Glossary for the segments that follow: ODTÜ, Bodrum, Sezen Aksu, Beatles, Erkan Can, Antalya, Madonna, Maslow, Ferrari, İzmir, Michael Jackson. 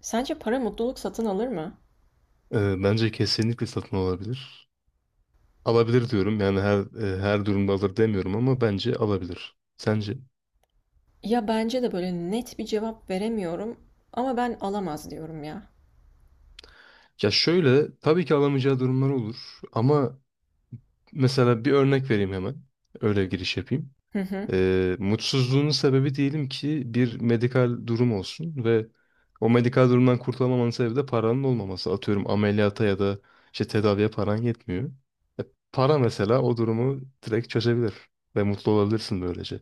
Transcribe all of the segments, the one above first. Sence para mutluluk satın alır mı? Bence kesinlikle satın alabilir. Alabilir diyorum yani her durumda alır demiyorum ama bence alabilir. Sence? Ya bence de böyle net bir cevap veremiyorum ama ben alamaz diyorum ya. Ya şöyle tabii ki alamayacağı durumlar olur ama mesela bir örnek vereyim hemen. Öyle giriş yapayım. Hı hı. Mutsuzluğunun sebebi diyelim ki bir medikal durum olsun ve o medikal durumdan kurtulamamanın sebebi de paranın olmaması. Atıyorum ameliyata ya da işte tedaviye paran yetmiyor. E, Para mesela o durumu direkt çözebilir ve mutlu olabilirsin böylece.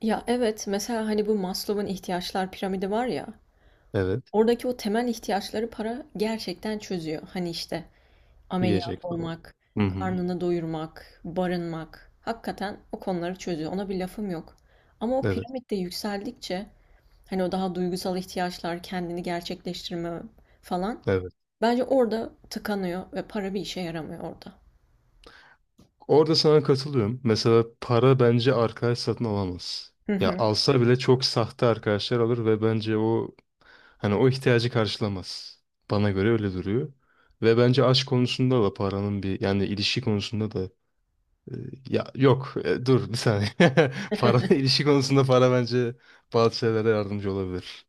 Ya evet mesela hani bu Maslow'un ihtiyaçlar piramidi var ya. Evet. Oradaki o temel ihtiyaçları para gerçekten çözüyor. Hani işte ameliyat Yiyecek falan. olmak, Hı hı. karnını doyurmak, barınmak. Hakikaten o konuları çözüyor. Ona bir lafım yok. Ama o Evet, piramitte yükseldikçe hani o daha duygusal ihtiyaçlar, kendini gerçekleştirme falan. evet. Bence orada tıkanıyor ve para bir işe yaramıyor orada. Orada sana katılıyorum. Mesela para bence arkadaş satın alamaz. Hı Ya hı. alsa bile çok sahte arkadaşlar alır ve bence o hani o ihtiyacı karşılamaz. Bana göre öyle duruyor. Ve bence aşk konusunda da paranın bir yani ilişki konusunda da e, ya yok e, dur bir saniye. Para ilişki konusunda para bence bazı şeylere yardımcı olabilir.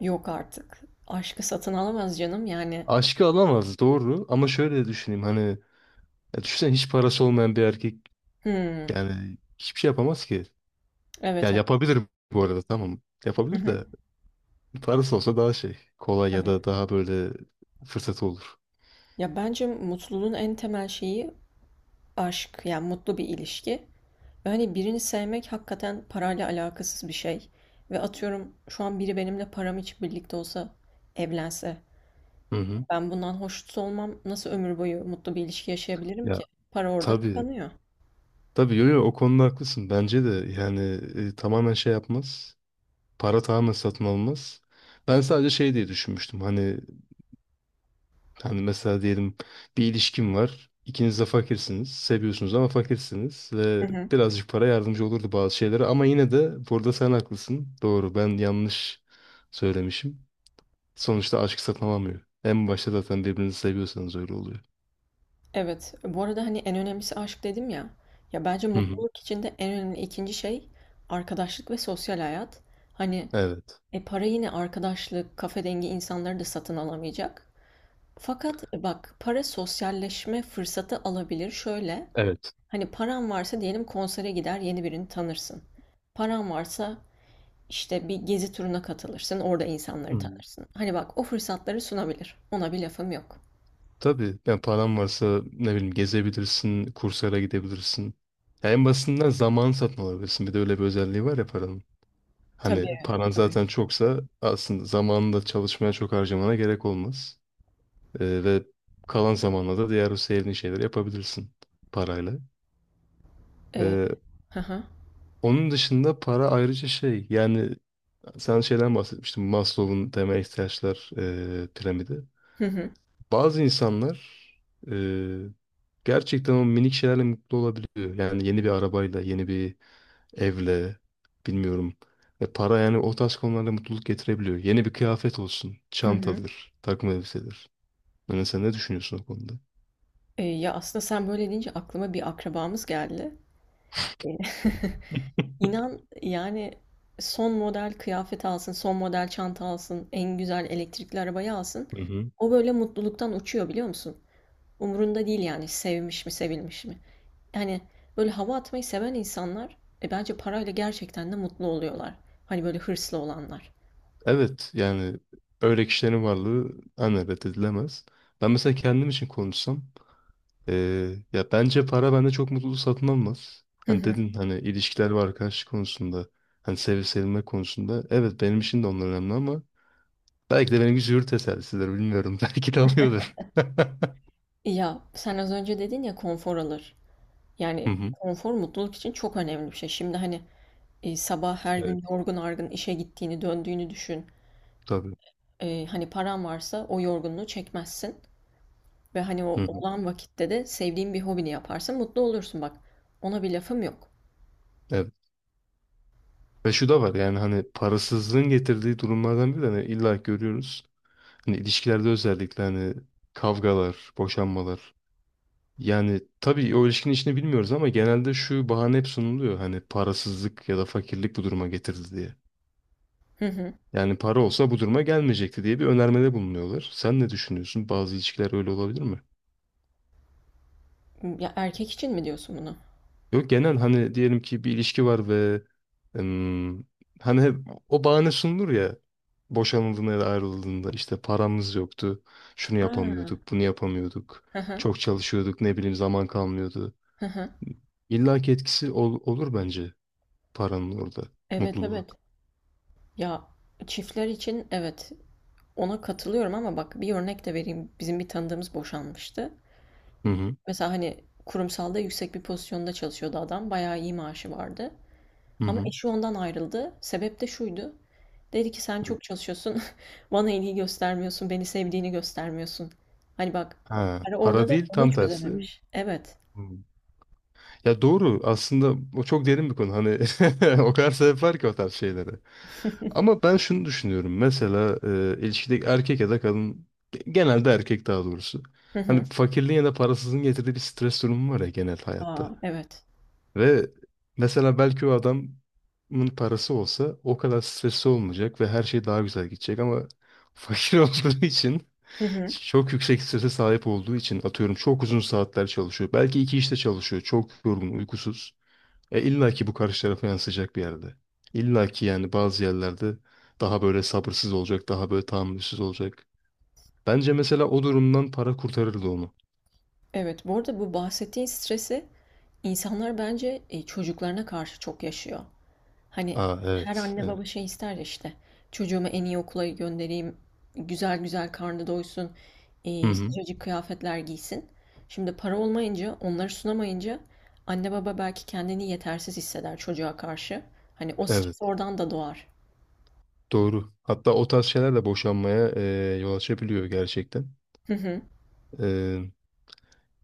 Yok artık. Aşkı satın alamaz canım yani. Aşkı alamaz doğru ama şöyle düşüneyim hani ya düşünsene hiç parası olmayan bir erkek. Hımm. Yani hiçbir şey yapamaz ki. Ya Evet, evet. yapabilir bu arada tamam. Hı Yapabilir hı. de parası olsa daha şey kolay ya da Tabii. daha böyle fırsatı olur. Ya bence mutluluğun en temel şeyi aşk. Yani mutlu bir ilişki. Ve hani birini sevmek hakikaten parayla alakasız bir şey. Ve atıyorum şu an biri benimle param için birlikte olsa, evlense, Hı hı. ben bundan hoşnut olmam. Nasıl ömür boyu mutlu bir ilişki yaşayabilirim Ya ki? Para orada tabii tıkanıyor. tabii yo, yo, o konuda haklısın. Bence de yani tamamen şey yapmaz. Para tamamen satın almaz. Ben sadece şey diye düşünmüştüm. Hani. Mesela diyelim bir ilişkim var. İkiniz de fakirsiniz. Seviyorsunuz ama fakirsiniz. Hı Ve hı. birazcık para yardımcı olurdu bazı şeylere. Ama yine de burada sen haklısın. Doğru, ben yanlış söylemişim. Sonuçta aşk satın. En başta zaten birbirinizi seviyorsanız öyle oluyor. Evet. Bu arada, hani, en önemlisi aşk dedim ya. Ya, bence Hı hı. mutluluk içinde en önemli ikinci şey arkadaşlık ve sosyal hayat. Hani, Evet. Para yine arkadaşlık, kafe dengi insanları da satın alamayacak. Fakat, bak, para sosyalleşme fırsatı alabilir. Şöyle, Evet. hani, paran varsa diyelim konsere gider, yeni birini tanırsın. Paran varsa, işte, bir gezi turuna katılırsın, orada Hı insanları hı. tanırsın. Hani, bak, o fırsatları sunabilir. Ona bir lafım yok. Tabii yani paran varsa ne bileyim gezebilirsin, kurslara gidebilirsin. Ya en basitinden zaman satın alabilirsin. Bir de öyle bir özelliği var ya paranın. Tabii, Hani paran tabii. zaten çoksa aslında zamanında çalışmaya çok harcamana gerek olmaz. Ve kalan zamanla da diğer o sevdiğin şeyleri yapabilirsin parayla. Eee Ee, Onun dışında para ayrıca şey yani sen şeyden bahsetmiştin Maslow'un temel ihtiyaçlar piramidi. Hı hı. Bazı insanlar e, gerçekten o minik şeylerle mutlu olabiliyor. Yani yeni bir arabayla, yeni bir evle, bilmiyorum. Ve para yani o tarz konularda mutluluk getirebiliyor. Yeni bir kıyafet olsun, Hı hı. çantadır, takım elbisedir. Yani sen ne düşünüyorsun o konuda? Ya aslında sen böyle deyince aklıma bir akrabamız geldi. E, İnan yani son model kıyafet alsın, son model çanta alsın, en güzel elektrikli arabayı alsın. Hı hı. O böyle mutluluktan uçuyor biliyor musun? Umurunda değil yani sevmiş mi, sevilmiş mi? Yani böyle hava atmayı seven insanlar bence parayla gerçekten de mutlu oluyorlar. Hani böyle hırslı olanlar. Evet yani öyle kişilerin varlığı hani reddedilemez. Ben mesela kendim için konuşsam ya bence para bende çok mutluluk satın almaz. Hı Hani hı. dedin hani ilişkiler ve arkadaşlık konusunda hani sevip sevilme konusunda evet benim için de onlar önemli ama belki de benimki züğürt tesellisidir, bilmiyorum. Belki de alıyordur. Ya sen az önce dedin ya konfor alır. Hı Yani hı. konfor mutluluk için çok önemli bir şey. Şimdi hani sabah her Evet. gün yorgun argın işe gittiğini, döndüğünü düşün. Tabii. Hani paran varsa o yorgunluğu çekmezsin ve hani Hı o hı. olan vakitte de sevdiğin bir hobini yaparsın, mutlu olursun bak. Ona bir lafım yok. Evet. Ve şu da var yani hani parasızlığın getirdiği durumlardan biri de hani illa görüyoruz. Hani ilişkilerde özellikle hani kavgalar, boşanmalar. Yani tabii o ilişkinin içini bilmiyoruz ama genelde şu bahane hep sunuluyor. Hani parasızlık ya da fakirlik bu duruma getirdi diye. Hı hı. Yani para olsa bu duruma gelmeyecekti diye bir önermede bulunuyorlar. Sen ne düşünüyorsun? Bazı ilişkiler öyle olabilir mi? Ya erkek için mi diyorsun bunu? Yok genel hani diyelim ki bir ilişki var ve em, hani hep o bahane sunulur ya boşanıldığında ya da ayrıldığında işte paramız yoktu, şunu Ha. yapamıyorduk, bunu yapamıyorduk, Hı hı. çok çalışıyorduk, ne bileyim zaman kalmıyordu. Hı hı. İlla ki etkisi olur bence paranın orada Evet mutluluğa. evet. Ya çiftler için evet ona katılıyorum ama bak bir örnek de vereyim. Bizim bir tanıdığımız boşanmıştı. Hı hı. Mesela hani kurumsalda yüksek bir pozisyonda çalışıyordu adam. Bayağı iyi maaşı vardı. Hı Ama hı. eşi ondan ayrıldı. Sebep de şuydu. Dedi ki sen Hı. çok çalışıyorsun. Bana ilgi göstermiyorsun. Beni sevdiğini göstermiyorsun. Hani bak. Ha, Hani para orada da değil onu tam tersi. çözememiş. Evet. Hı. Ya doğru, aslında o çok derin bir konu hani o kadar sebep var ki o tarz şeylere. Ama ben şunu düşünüyorum. Mesela ilişkideki erkek ya da kadın genelde erkek daha doğrusu. Hı Hani hı. fakirliğin ya da parasızlığın getirdiği bir stres durumu var ya genel hayatta. Aa, evet. Ve mesela belki o adamın parası olsa o kadar stresli olmayacak ve her şey daha güzel gidecek ama fakir olduğu için Hı hı. çok yüksek strese sahip olduğu için atıyorum çok uzun saatler çalışıyor. Belki iki işte çalışıyor. Çok yorgun, uykusuz. İlla ki bu karşı tarafa yansıyacak bir yerde. İlla ki yani bazı yerlerde daha böyle sabırsız olacak, daha böyle tahammülsüz olacak. Bence mesela o durumdan para kurtarırdı onu. Evet. Bu arada bu bahsettiğin stresi insanlar bence çocuklarına karşı çok yaşıyor. Hani Aa her evet, anne evet. baba şey ister ya işte çocuğumu en iyi okula göndereyim, güzel güzel karnı doysun, Hı hı, sıcacık kıyafetler giysin. Şimdi para olmayınca, onları sunamayınca anne baba belki kendini yetersiz hisseder çocuğa karşı. Hani o evet, stres oradan da doğar. doğru. Hatta o tarz şeyler de boşanmaya yol açabiliyor gerçekten. Hı hı, E,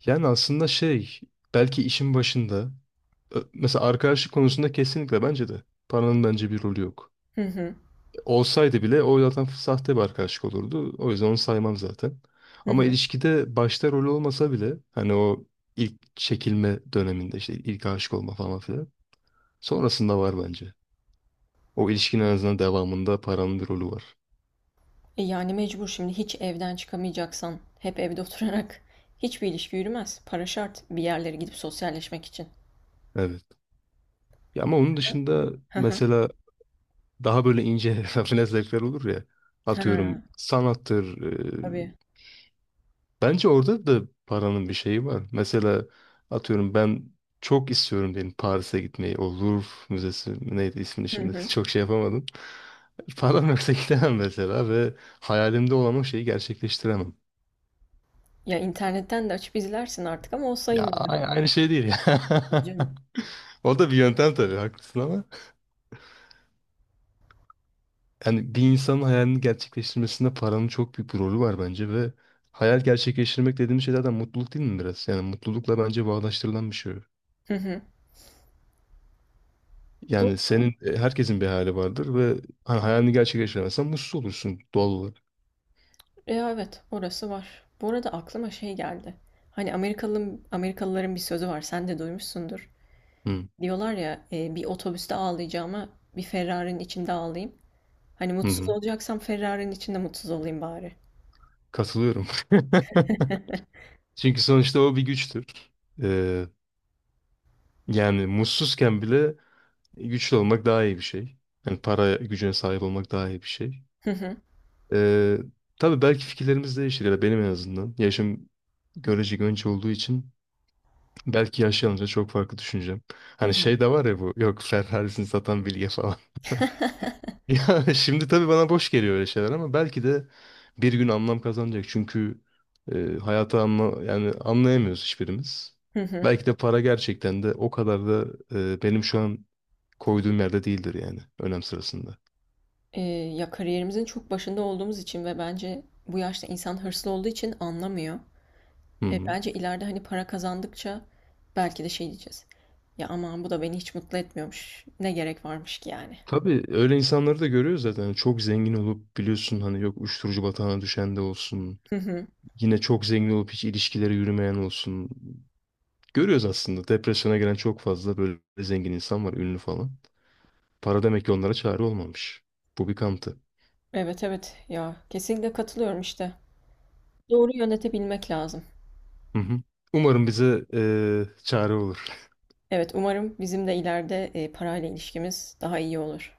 Yani aslında şey, belki işin başında, mesela arkadaşlık konusunda kesinlikle bence de paranın bence bir rolü yok. hı hı, Olsaydı bile o zaten sahte bir arkadaşlık olurdu. O yüzden onu saymam zaten. hı Ama hı. ilişkide başta rol olmasa bile hani o ilk çekilme döneminde işte ilk aşık olma falan filan. Sonrasında var bence. O ilişkinin en azından devamında paranın bir rolü var. E yani mecbur şimdi hiç evden çıkamayacaksan, hep evde oturarak hiçbir ilişki yürümez. Para şart bir yerlere gidip sosyalleşmek için. Evet. Ya ama onun dışında Hı hı. mesela daha böyle ince rafine zevkler olur ya. Ha, Atıyorum sanattır, e, tabii. bence orada da paranın bir şeyi var. Mesela atıyorum ben çok istiyorum diyelim Paris'e gitmeyi. O Louvre Müzesi mi neydi ismini Hı şimdi hı. çok şey yapamadım. Param yoksa gidemem mesela ve hayalimde olan o şeyi gerçekleştiremem. Ya internetten de açıp izlersin artık ama o Ya sayılmıyor. aynı şey değil ya. Tabii Canım. O da bir yöntem tabii, haklısın ama. Yani bir insanın hayalini gerçekleştirmesinde paranın çok büyük bir rolü var bence ve hayal gerçekleştirmek dediğimiz şey zaten mutluluk değil mi biraz? Yani mutlulukla bence bağdaştırılan bir şey. Hı hı. Yani Doğru. senin herkesin bir hayali vardır ve hani hayalini gerçekleştiremezsen mutsuz olursun doğal olarak. Ya evet, orası var. Bu arada aklıma şey geldi. Hani Amerikalı, Amerikalıların bir sözü var, sen de duymuşsundur. Hı, Diyorlar ya, bir otobüste ağlayacağıma bir Ferrari'nin içinde ağlayayım. Hani hı, mutsuz hı. olacaksam Ferrari'nin içinde mutsuz olayım bari. Katılıyorum. Çünkü sonuçta o bir güçtür. Ee, Yani mutsuzken bile güçlü olmak daha iyi bir şey. Yani para gücüne sahip olmak daha iyi bir şey. Hı hı. Ee, tabii belki fikirlerimiz değişir ya da benim en azından. Yaşım görecek önce olduğu için belki yaşlanınca çok farklı düşüneceğim. Hı Hani hı. şey de var ya bu yok Ferrari'sini satan bilge falan. Ya şimdi tabii bana boş geliyor öyle şeyler ama belki de bir gün anlam kazanacak. Çünkü e, hayatı anla yani anlayamıyoruz hiçbirimiz. Hı hı. Belki de para gerçekten de o kadar da benim şu an koyduğum yerde değildir yani önem sırasında. Ya kariyerimizin çok başında olduğumuz için ve bence bu yaşta insan hırslı olduğu için anlamıyor. Hı hı. Bence ileride hani para kazandıkça belki de şey diyeceğiz. Ya aman bu da beni hiç mutlu etmiyormuş. Ne gerek varmış ki yani. Tabii öyle insanları da görüyoruz zaten. Yani çok zengin olup biliyorsun hani yok uyuşturucu batağına düşen de olsun. Hı hı. Yine çok zengin olup hiç ilişkileri yürümeyen olsun. Görüyoruz aslında depresyona giren çok fazla böyle zengin insan var ünlü falan. Para demek ki onlara çare olmamış. Bu bir kanıtı. Evet evet ya kesinlikle katılıyorum işte. Doğru yönetebilmek lazım. Hı hı. Umarım bize çare olur. Evet umarım bizim de ileride parayla ilişkimiz daha iyi olur.